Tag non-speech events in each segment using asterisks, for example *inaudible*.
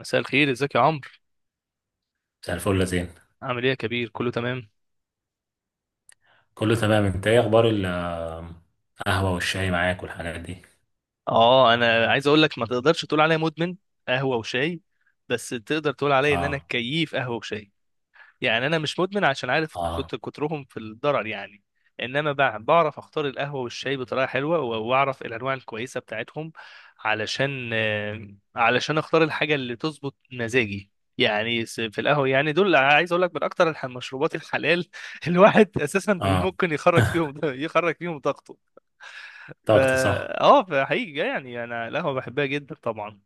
مساء الخير، ازيك يا عمرو؟ زي الفل يا زين. عامل ايه يا كبير، كله تمام؟ كله تمام. انت ايه اخبار القهوة والشاي معاك والحاجات دي؟ اه انا عايز اقول لك، ما تقدرش تقول عليا مدمن قهوه وشاي، بس تقدر تقول عليا ان انا اه، كيف قهوه وشاي. يعني انا مش مدمن عشان عارف اه، كنت كترهم في الضرر يعني. انما بعرف اختار القهوه والشاي بطريقه حلوه واعرف الانواع الكويسه بتاعتهم، علشان اختار الحاجه اللي تظبط مزاجي. يعني في القهوه، يعني دول عايز اقول لك من اكتر المشروبات الحلال *laughs* الواحد اساسا اه، ممكن يخرج فيهم طاقته. طاقت صح. فا اه فحقيقي يعني انا القهوه بحبها جدا طبعا.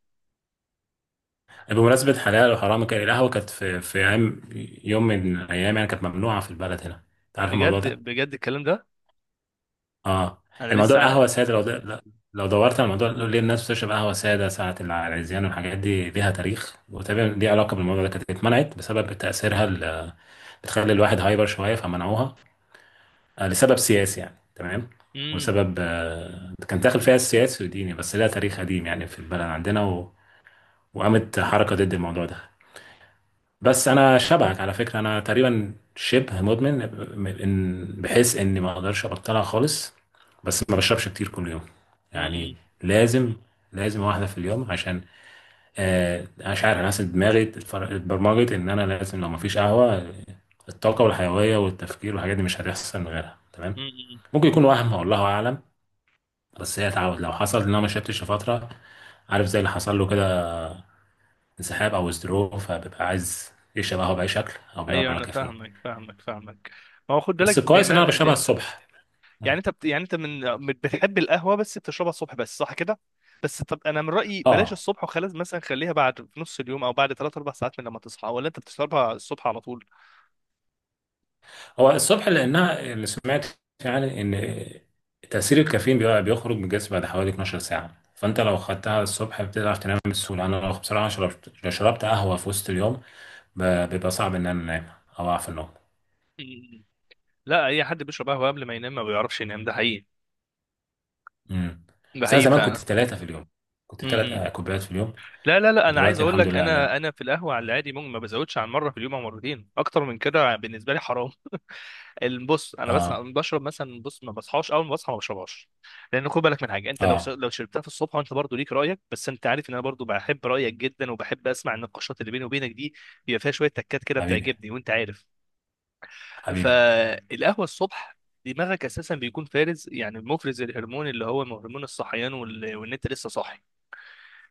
بمناسبة حلال وحرام، القهوة كانت في ايام، يوم من ايام يعني، كانت ممنوعة في البلد هنا. انت عارف الموضوع بجد ده؟ بجد الكلام ده؟ اه. انا الموضوع القهوة لسه. سادة، لو دورت على الموضوع ليه الناس بتشرب قهوة سادة ساعة العريزيان والحاجات دي، ليها تاريخ وتقريبا ليها علاقة بالموضوع ده. كانت اتمنعت بسبب تأثيرها بتخلي الواحد هايبر شوية فمنعوها. لسبب سياسي يعني. تمام. امم، وسبب كان داخل فيها السياسي والديني، بس لها تاريخ قديم يعني في البلد عندنا، وقامت حركة ضد الموضوع ده. بس أنا شبهك على فكرة. أنا تقريبا شبه مدمن، بحيث إني ما أقدرش أبطلها خالص. بس ما بشربش كتير كل يوم، امم، يعني امم. لازم لازم واحدة في اليوم عشان، أنا مش عارف، أنا حاسس دماغي اتبرمجت إن أنا لازم، لو مفيش قهوة الطاقة والحيوية والتفكير والحاجات دي مش هتحصل من غيرها. تمام. إمم، إمم. ممكن يكون وهم والله اعلم، بس هي تعود. لو حصل ان انا ما شربتش لفتره، عارف زي اللي حصل له كده انسحاب او ازدروب، فبيبقى عايز يشرب قهوه باي شكل او بيدور ايوه على انا كافيين. فاهمك فاهمك فاهمك. ما هو خد بس بالك كويس ان انا دماغ بشربها الصبح. يعني يعني انت بتحب القهوه بس بتشربها الصبح بس، صح كده؟ بس طب انا من رايي بلاش اه. الصبح، وخلاص مثلا خليها بعد في نص اليوم او بعد 3 4 ساعات من لما تصحى، ولا انت بتشربها الصبح على طول؟ هو الصبح لانها اللي سمعت يعني، ان تاثير الكافيين بيبقى بيخرج من الجسم بعد حوالي 12 ساعه، فانت لو خدتها الصبح بتعرف تنام بسهوله. انا لو بصراحه شربت لو شربت قهوه في وسط اليوم بيبقى صعب ان انا انام او اعرف النوم. مم. لا، اي حد بيشرب قهوه قبل ما ينام ما بيعرفش ينام، ده حقيقي. امم. ده بس انا حقيقي زمان كنت فعلا. ثلاثه في اليوم، كنت مم. ثلاث كوبايات في اليوم. لا لا لا، انا عايز ودلوقتي اقول الحمد لك، لله. على انا في القهوه على العادي ممكن ما بزودش عن مره في اليوم او مرتين، اكتر من كده بالنسبه لي حرام. بص، انا بس اه، بشرب مثلا، بص، ما بصحاش اول ما بصحى ما بشربهاش، لان خد بالك من حاجه، انت لو اه، لو شربتها في الصبح، وانت برضو ليك رايك، بس انت عارف ان انا برضو بحب رايك جدا، وبحب اسمع النقاشات اللي بيني وبينك دي، بيبقى فيها شويه تكات كده حبيبي، بتعجبني وانت عارف. حبيبي، فالقهوه الصبح، دماغك اساسا بيكون فارز، يعني مفرز الهرمون اللي هو هرمون الصحيان، وان انت لسه صاحي.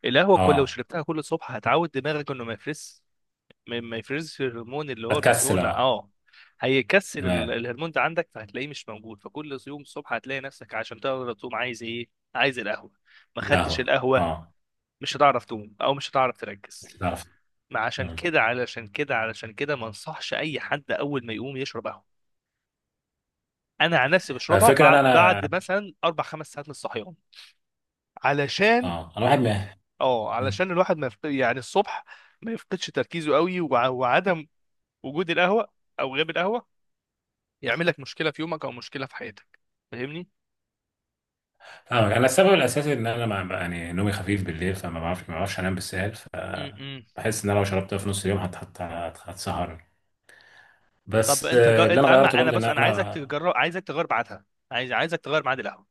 القهوه كل لو اه، شربتها كل صبح، هتعود دماغك انه ما يفرز، ما يفرزش الهرمون اللي هو اتكسل، المسؤول، اه، اه. هيكسل تمام، الهرمون ده عندك، فهتلاقيه مش موجود، فكل يوم الصبح هتلاقي نفسك عشان تقدر تقوم عايز ايه؟ عايز القهوة. ما خدتش القهوه، القهوة اه، مش هتعرف تقوم او مش هتعرف تركز. مش هتعرف. ما عشان مم. كده، علشان كده، علشان كده ما انصحش اي حد اول ما يقوم يشرب قهوة. انا عن نفسي ما بشربها الفكره ان بعد، انا، بعد مثلا اربع خمس ساعات من الصحيان، علشان اه واحد ما. اه، مم. علشان الواحد ما يفق... يعني الصبح ما يفقدش تركيزه قوي، وعدم وجود القهوة او غياب القهوة يعمل لك مشكله في يومك او مشكله في حياتك، فاهمني؟ فاهمك. انا السبب الاساسي ان انا، يعني نومي خفيف بالليل، فما بعرفش، ما بعرفش انام بالسهل. امم. فبحس ان انا لو شربت في نص اليوم هتسهرني. طب بس انت اللي انت، انا اما غيرته انا برضه ان بس انا عايزك انا. تجرب، عايزك تغير ميعادها، عايزك تغير ميعاد القهوه.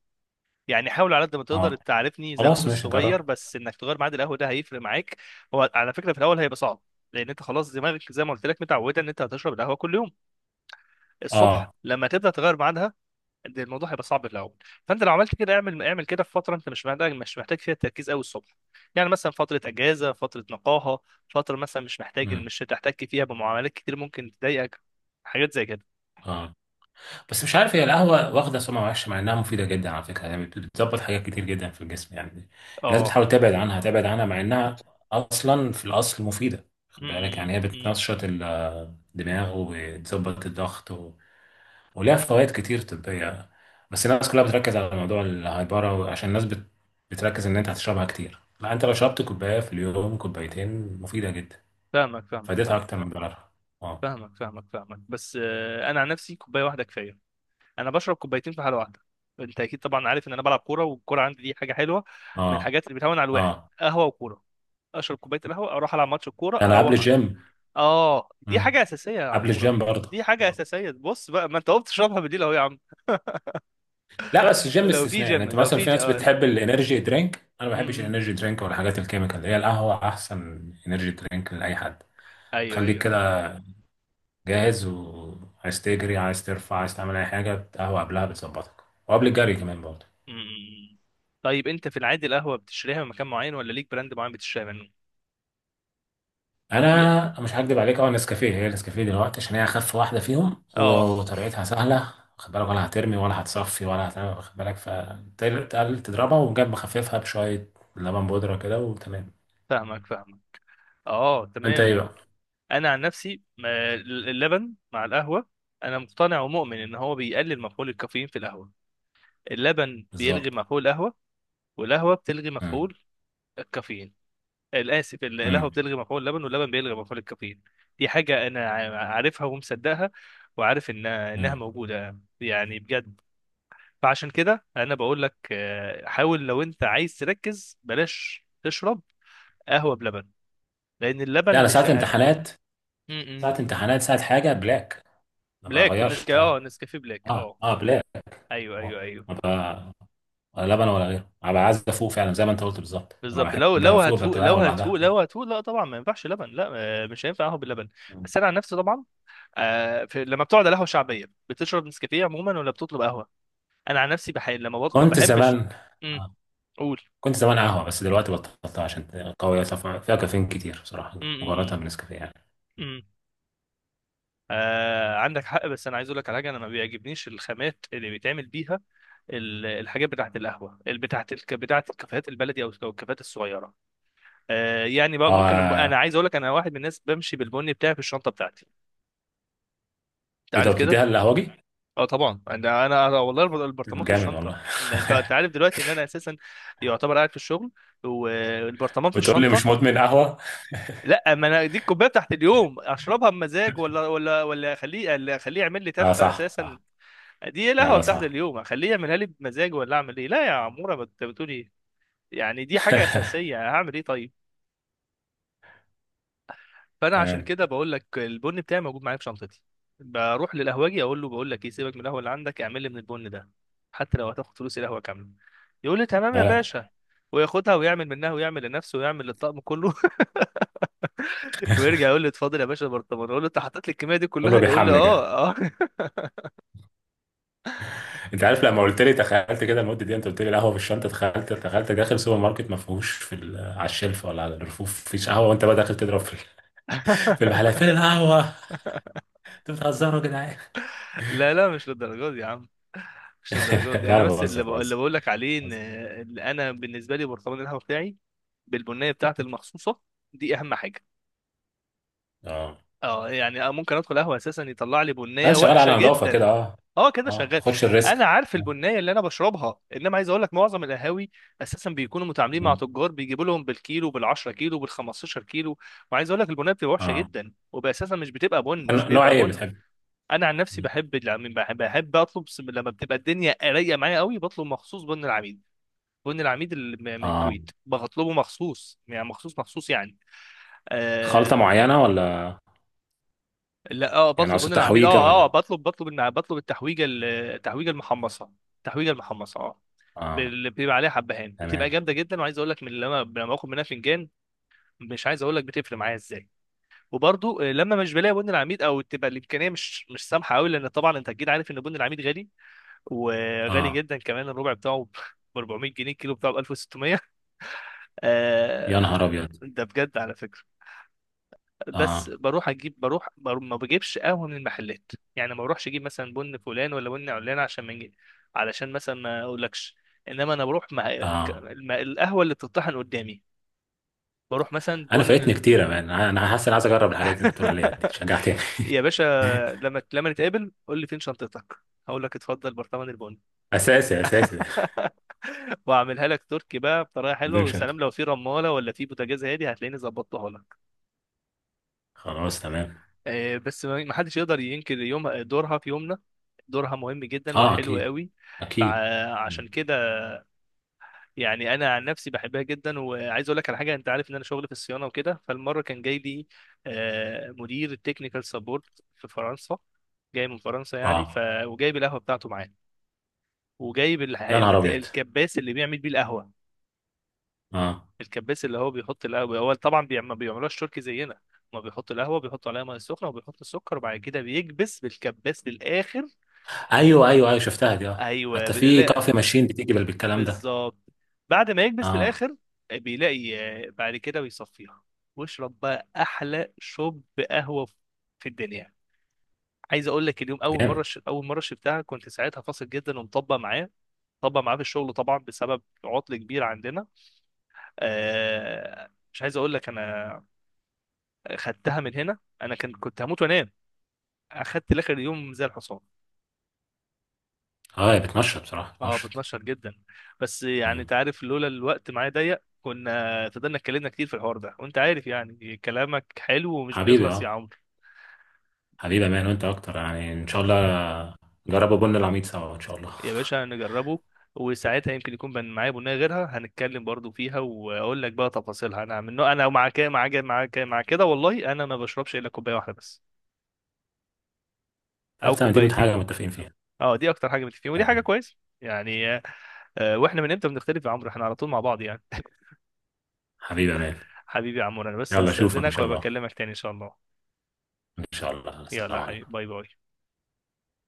يعني حاول على قد ما تقدر، اه، تعرفني زي اخوك خلاص ماشي، الصغير، هجرب. بس انك تغير ميعاد القهوه ده هيفرق معاك. هو على فكره في الاول هيبقى صعب، لان انت خلاص دماغك زي ما قلت لك متعوده ان انت هتشرب القهوه كل يوم الصبح. اه. لما تبدا تغير ميعادها، ده الموضوع هيبقى صعب في الاول. فانت لو عملت كده، اعمل كده في فتره انت مش محتاج فيها تركيز قوي الصبح، يعني مثلا فتره اجازه، فتره نقاهه، فتره مثلا مش محتاج، مم. مش هتحتك فيها بمعاملات كتير ممكن تضايقك، حاجات زي كده. اه. بس مش عارف، هي القهوة واخدة سمعة وحشة، مع إنها مفيدة جدا على فكرة يعني، بتظبط حاجات كتير جدا في الجسم يعني. الناس اه. بتحاول تبعد عنها، تبعد عنها، مع إنها أصلا في الأصل مفيدة. م- خد بالك يعني، هي م- م. بتنشط الدماغ وبتظبط الضغط، وليها فوائد كتير طبية. بس الناس كلها بتركز على موضوع الهايبرة عشان الناس بتركز إن أنت هتشربها كتير. لا، أنت لو شربت كوباية في اليوم، كوبايتين، مفيدة جدا. فاهمك فاهمك فائدتها فاهمك أكتر من ضررها. أه. فاهمك فاهمك فاهمك، بس انا عن نفسي كوبايه واحده كفايه. انا بشرب كوبايتين في حاله واحده، انت اكيد طبعا عارف ان انا بلعب كوره، والكوره عندي دي حاجه حلوه من أه. الحاجات اللي بتهون على الواحد، أه. قهوه وكوره، اشرب كوبايه القهوه اروح العب ماتش الكوره أنا قبل اروح. الجيم. اه، دي حاجة أساسية يا قبل عمورة، الجيم برضه دي حاجة أساسية. بص بقى، ما أنت قمت تشربها بالليل أهو يا عم. لا بس الجيم لو في استثناء يعني. جيم، انت لو مثلا، في في ناس بتحب لا. الانرجي درينك، انا ما م- بحبش م. الانرجي درينك ولا الحاجات الكيميكال. هي القهوه احسن انرجي درينك لاي حد. أيوه تخليك أيوه. كده جاهز، وعايز تجري، عايز ترفع، عايز تعمل اي حاجه. القهوه قبلها بتظبطك، وقبل م- الجري كمان م. برضه. م- م. طيب أنت في العادي القهوة بتشتريها من مكان معين، ولا ليك براند معين بتشتريها منه؟ يا، انا مش هكدب عليك، نسكافيه، هي النسكافيه دلوقتي، عشان هي اخف واحده فيهم اه، وطريقتها سهله. خد بالك، ولا هترمي ولا هتصفي ولا هتعمل. خد بالك، فتقل تضربها وجنب مخففها بشويه لبن بودره كده وتمام. فاهمك فاهمك. اه انت ايه تمام. بقى؟ أنا عن نفسي اللبن مع القهوة، أنا مقتنع ومؤمن إن هو بيقلل مفعول الكافيين في القهوة. اللبن بيلغي بالظبط. مفعول القهوة، والقهوة بتلغي مم. مفعول الكافيين. الاسف، القهوه مم. بتلغي مفعول اللبن، واللبن بيلغي مفعول الكافيين. دي حاجه انا عارفها ومصدقها، وعارف انها مم. موجوده يعني، بجد. فعشان كده انا بقول لك حاول لو انت عايز تركز بلاش تشرب قهوه بلبن، لان لا، اللبن انا مش ساعة أهم. امتحانات، م- ساعة م. امتحانات، ساعة حاجة بلاك. ما بلاك في بغيرش. النسكافيه، اه، النسكافيه بلاك، اه، اه. اه، بلاك. ايوه ما ايوه ايوه. ب- ولا لبن ولا غيره، انا ببقى عايز افوق فعلا زي ما انت قلت بالظبط. لما بالظبط، لو بحب افوق، بتبقى قهوة لوحدها. لو هتفوق، لا طبعا ما ينفعش لبن، لا. مش هينفع قهوه باللبن. مم. بس انا عن نفسي طبعا، آه، في لما بتقعد على قهوه شعبيه بتشرب نسكافيه عموما ولا بتطلب قهوه؟ انا عن نفسي بحب لما بطلب، ما كنت بحبش. زمان امم. آه. قول. كنت زمان قهوة، بس دلوقتي بطلتها عشان قوية، فيها كافيين كتير بصراحة امم، مقارنة بنسكافيه يعني. امم. آه عندك حق، بس انا عايز اقول لك على حاجه، انا ما بيعجبنيش الخامات اللي بيتعمل بيها الحاجات بتاعه القهوه، اللي بتاعه بتاعه الكافيهات البلدي او، أو الكافيهات الصغيره. آه، يعني بقى ممكن انا اه. عايز اقول لك انا واحد من الناس بمشي بالبني بتاعي في الشنطه بتاعتي، انت ايه ده، عارف كده. بتديها للقهوجي؟ اه طبعا، انا انا أنا والله البرطمان طب في جامد الشنطه، والله. إن انت، انت عارف دلوقتي ان انا اساسا يعتبر قاعد في الشغل، والبرطمان *laughs* في وتقول لي مش الشنطه. مدمن قهوة. لا، ما انا دي الكوبايه بتاعت اليوم اشربها بمزاج، ولا اخليه، ولا اخليه يعمل لي اه، تفه صح، اساسا. صح. دي لا، القهوه لا، بتاعت صح. اليوم، اخليه يعملها لي بمزاج ولا اعمل ايه؟ لا يا عموره، ما انت بتقول ايه؟ يعني دي حاجه *laughs* اساسيه، هعمل ايه طيب؟ فانا عشان تمام. كده بقول لك، البن بتاعي موجود معايا في شنطتي. بروح للقهوجي اقول له، بقول لك ايه، سيبك من القهوه اللي عندك، اعمل لي من البن ده، حتى لو هتاخد فلوس القهوه كامله. يقول لي تمام يا آه، باشا، وياخدها ويعمل منها ويعمل لنفسه ويعمل للطقم كله. *laughs* ويرجع يقول لي اتفضل يا باشا برطمان، اقول له انت حطيت لي الكميه دي كلها؟ كله يقول لي بيحملك ده. اه، اه. انت عارف لما قلت لي، تخيلت كده المده دي. انت قلت لي القهوه في الشنطه، تخيلت داخل سوبر ماركت، ما فيهوش في ال- آه، على الشلف ولا على الرفوف مفيش قهوه، وانت بقى داخل تضرب *laughs* في المحلات فين *laughs* القهوه. *laughs* انتوا بتهزروا يا جدعان. لا لا، مش للدرجه دي يا عم، مش *laughs* للدرجه دي. لا، انا انا بس بهزر، اللي بقول، اللي بهزر، بقول لك عليه ان، بهزر. إن انا بالنسبه لي برطمان القهوه بتاعي بالبنيه بتاعتي المخصوصه، دي اهم حاجه. اه، اه، يعني أنا ممكن ادخل قهوه اساسا يطلع لي انا بنيه شغال على وحشه نظافه جدا. كده. اه. اه كده اه، ما شغال. تاخدش انا الريسك. عارف البنيه اللي انا بشربها، انما عايز اقول لك معظم القهاوي اساسا بيكونوا متعاملين مع مم. تجار بيجيبوا لهم بالكيلو، بال10 كيلو، بال15 كيلو، وعايز اقول لك البنيه بتبقى وحشه اه، جدا، وباساسا مش بتبقى بن، مش نوع بيبقى ايه بن بتحب؟ انا عن نفسي مم. بحب العميل، بحب, بحب اطلب لما بتبقى الدنيا قريه معايا قوي بطلب مخصوص بن العميد. بن العميد اللي من اه، الكويت بطلبه مخصوص، يعني مخصوص مخصوص يعني. خلطه آه، معينه ولا؟ لا، اه، يعني بطلب اقصد من العميل، تحويجه اه، اه، ولا؟ بطلب، بطلب بطلب التحويجه التحويجه المحمصه. التحويجه المحمصه، اه، اه، اللي بيبقى عليها حبهان، بتبقى تمام. جامده جدا. وعايز اقول لك، من لما، لما باخد منها فنجان، مش عايز اقول لك بتفرق معايا ازاي. وبرضو لما مش بلاقي بن العميد، او تبقى الامكانيه مش، مش سامحه قوي، لان طبعا انت اكيد عارف ان بن العميد غالي، وغالي اه، جدا كمان. الربع بتاعه ب *laughs* 400 جنيه، الكيلو بتاعه ب 1600. يا نهار آه، ابيض. ده بجد على فكره. بس اه، بروح اجيب، بروح ما بجيبش قهوه من المحلات يعني، ما بروحش اجيب مثلا بن فلان ولا بن علان عشان ما نجي- علشان مثلا ما اقولكش، انما انا بروح مع اه، القهوه اللي بتطحن قدامي. بروح مثلا انا فايتني بن. كتير يا مان. انا، حاسس إني عايز اجرب الحاجات اللي انت بتقول عليها دي. *laughs* شجعتني. يا باشا، *laughs* لما، لما نتقابل قول لي فين شنطتك، هقول لك اتفضل برطمان البن. اساسي اساسي. *laughs* واعملها لك تركي بقى بطريقه حلوه بدون شك. والسلام، لو في رماله ولا في بوتاجاز هادي هتلاقيني ظبطتها لك. خلاص تمام. بس ما، ما حدش يقدر ينكر يوم دورها في يومنا. دورها مهم جدا اه، وحلو اكيد، قوي، اكيد. فعشان مم. كده، يعني انا عن نفسي بحبها جدا. وعايز اقول لك على حاجه، انت عارف ان انا شغلي في الصيانه وكده، فالمره كان جاي لي مدير التكنيكال سبورت في فرنسا، جاي من فرنسا يعني، ف، اه، وجايب القهوه بتاعته معاه، وجايب يا نهار ابيض. الكباس اللي بيعمل بيه القهوه. اه، الكباس اللي هو بيحط القهوه، هو طبعا ما بيعملوش تركي زينا، ما بيحط القهوه، بيحط عليها ميه سخنه وبيحط السكر، وبعد كده بيكبس بالكباس للاخر. ايوه، ايوه، ايوه، شفتها دي اه. ايوه حتى في كافي لا، ماشين بتيجي بالكلام ده. بالظبط. بعد ما يكبس اه، للاخر بيلاقي بعد كده بيصفيها، واشرب بقى احلى شوب قهوه في الدنيا. عايز اقول لك، اليوم اول مره جامد. اول مره شربتها كنت ساعتها فاصل جدا ومطبق معاه، طبق معاه في الشغل طبعا بسبب عطل كبير عندنا. مش عايز اقول لك انا خدتها من هنا، انا كان كنت هموت وانام، اخدت لاخر اليوم زي الحصان. اه، هي بتنشط، بصراحه اه بتنشط. بتنشط جدا. بس يعني مم. انت عارف لولا الوقت معايا ضيق كنا فضلنا اتكلمنا كتير في الحوار ده، وانت عارف يعني كلامك حلو ومش حبيبي، بيخلص يا اه. عمرو. حبيبي يا مان، وانت اكتر يعني ان شاء الله. جربوا بن العميد سوا ان شاء الله. يا باشا نجربه، وساعتها يمكن يكون معايا بنية غيرها هنتكلم برضو فيها، واقول لك بقى تفاصيلها. انا انا مع كده مع كده مع كده مع كده، والله انا ما بشربش الا كوبايه واحده بس، طب او تمام، دي كوبايتين. حاجه متفقين فيها. اه دي اكتر حاجه بتفيد، ودي حاجه تمام. كويسه يعني. واحنا من امتى بنختلف يا عمرو؟ احنا على طول مع بعض يعني. *laughs* حبيبي يا مان. حبيبي يا عمرو، انا بس يلا اشوفك ان استاذنك شاء الله. وبكلمك تاني ان شاء الله. ان شاء الله، يلا يا السلام حبيبي، عليكم. باي باي.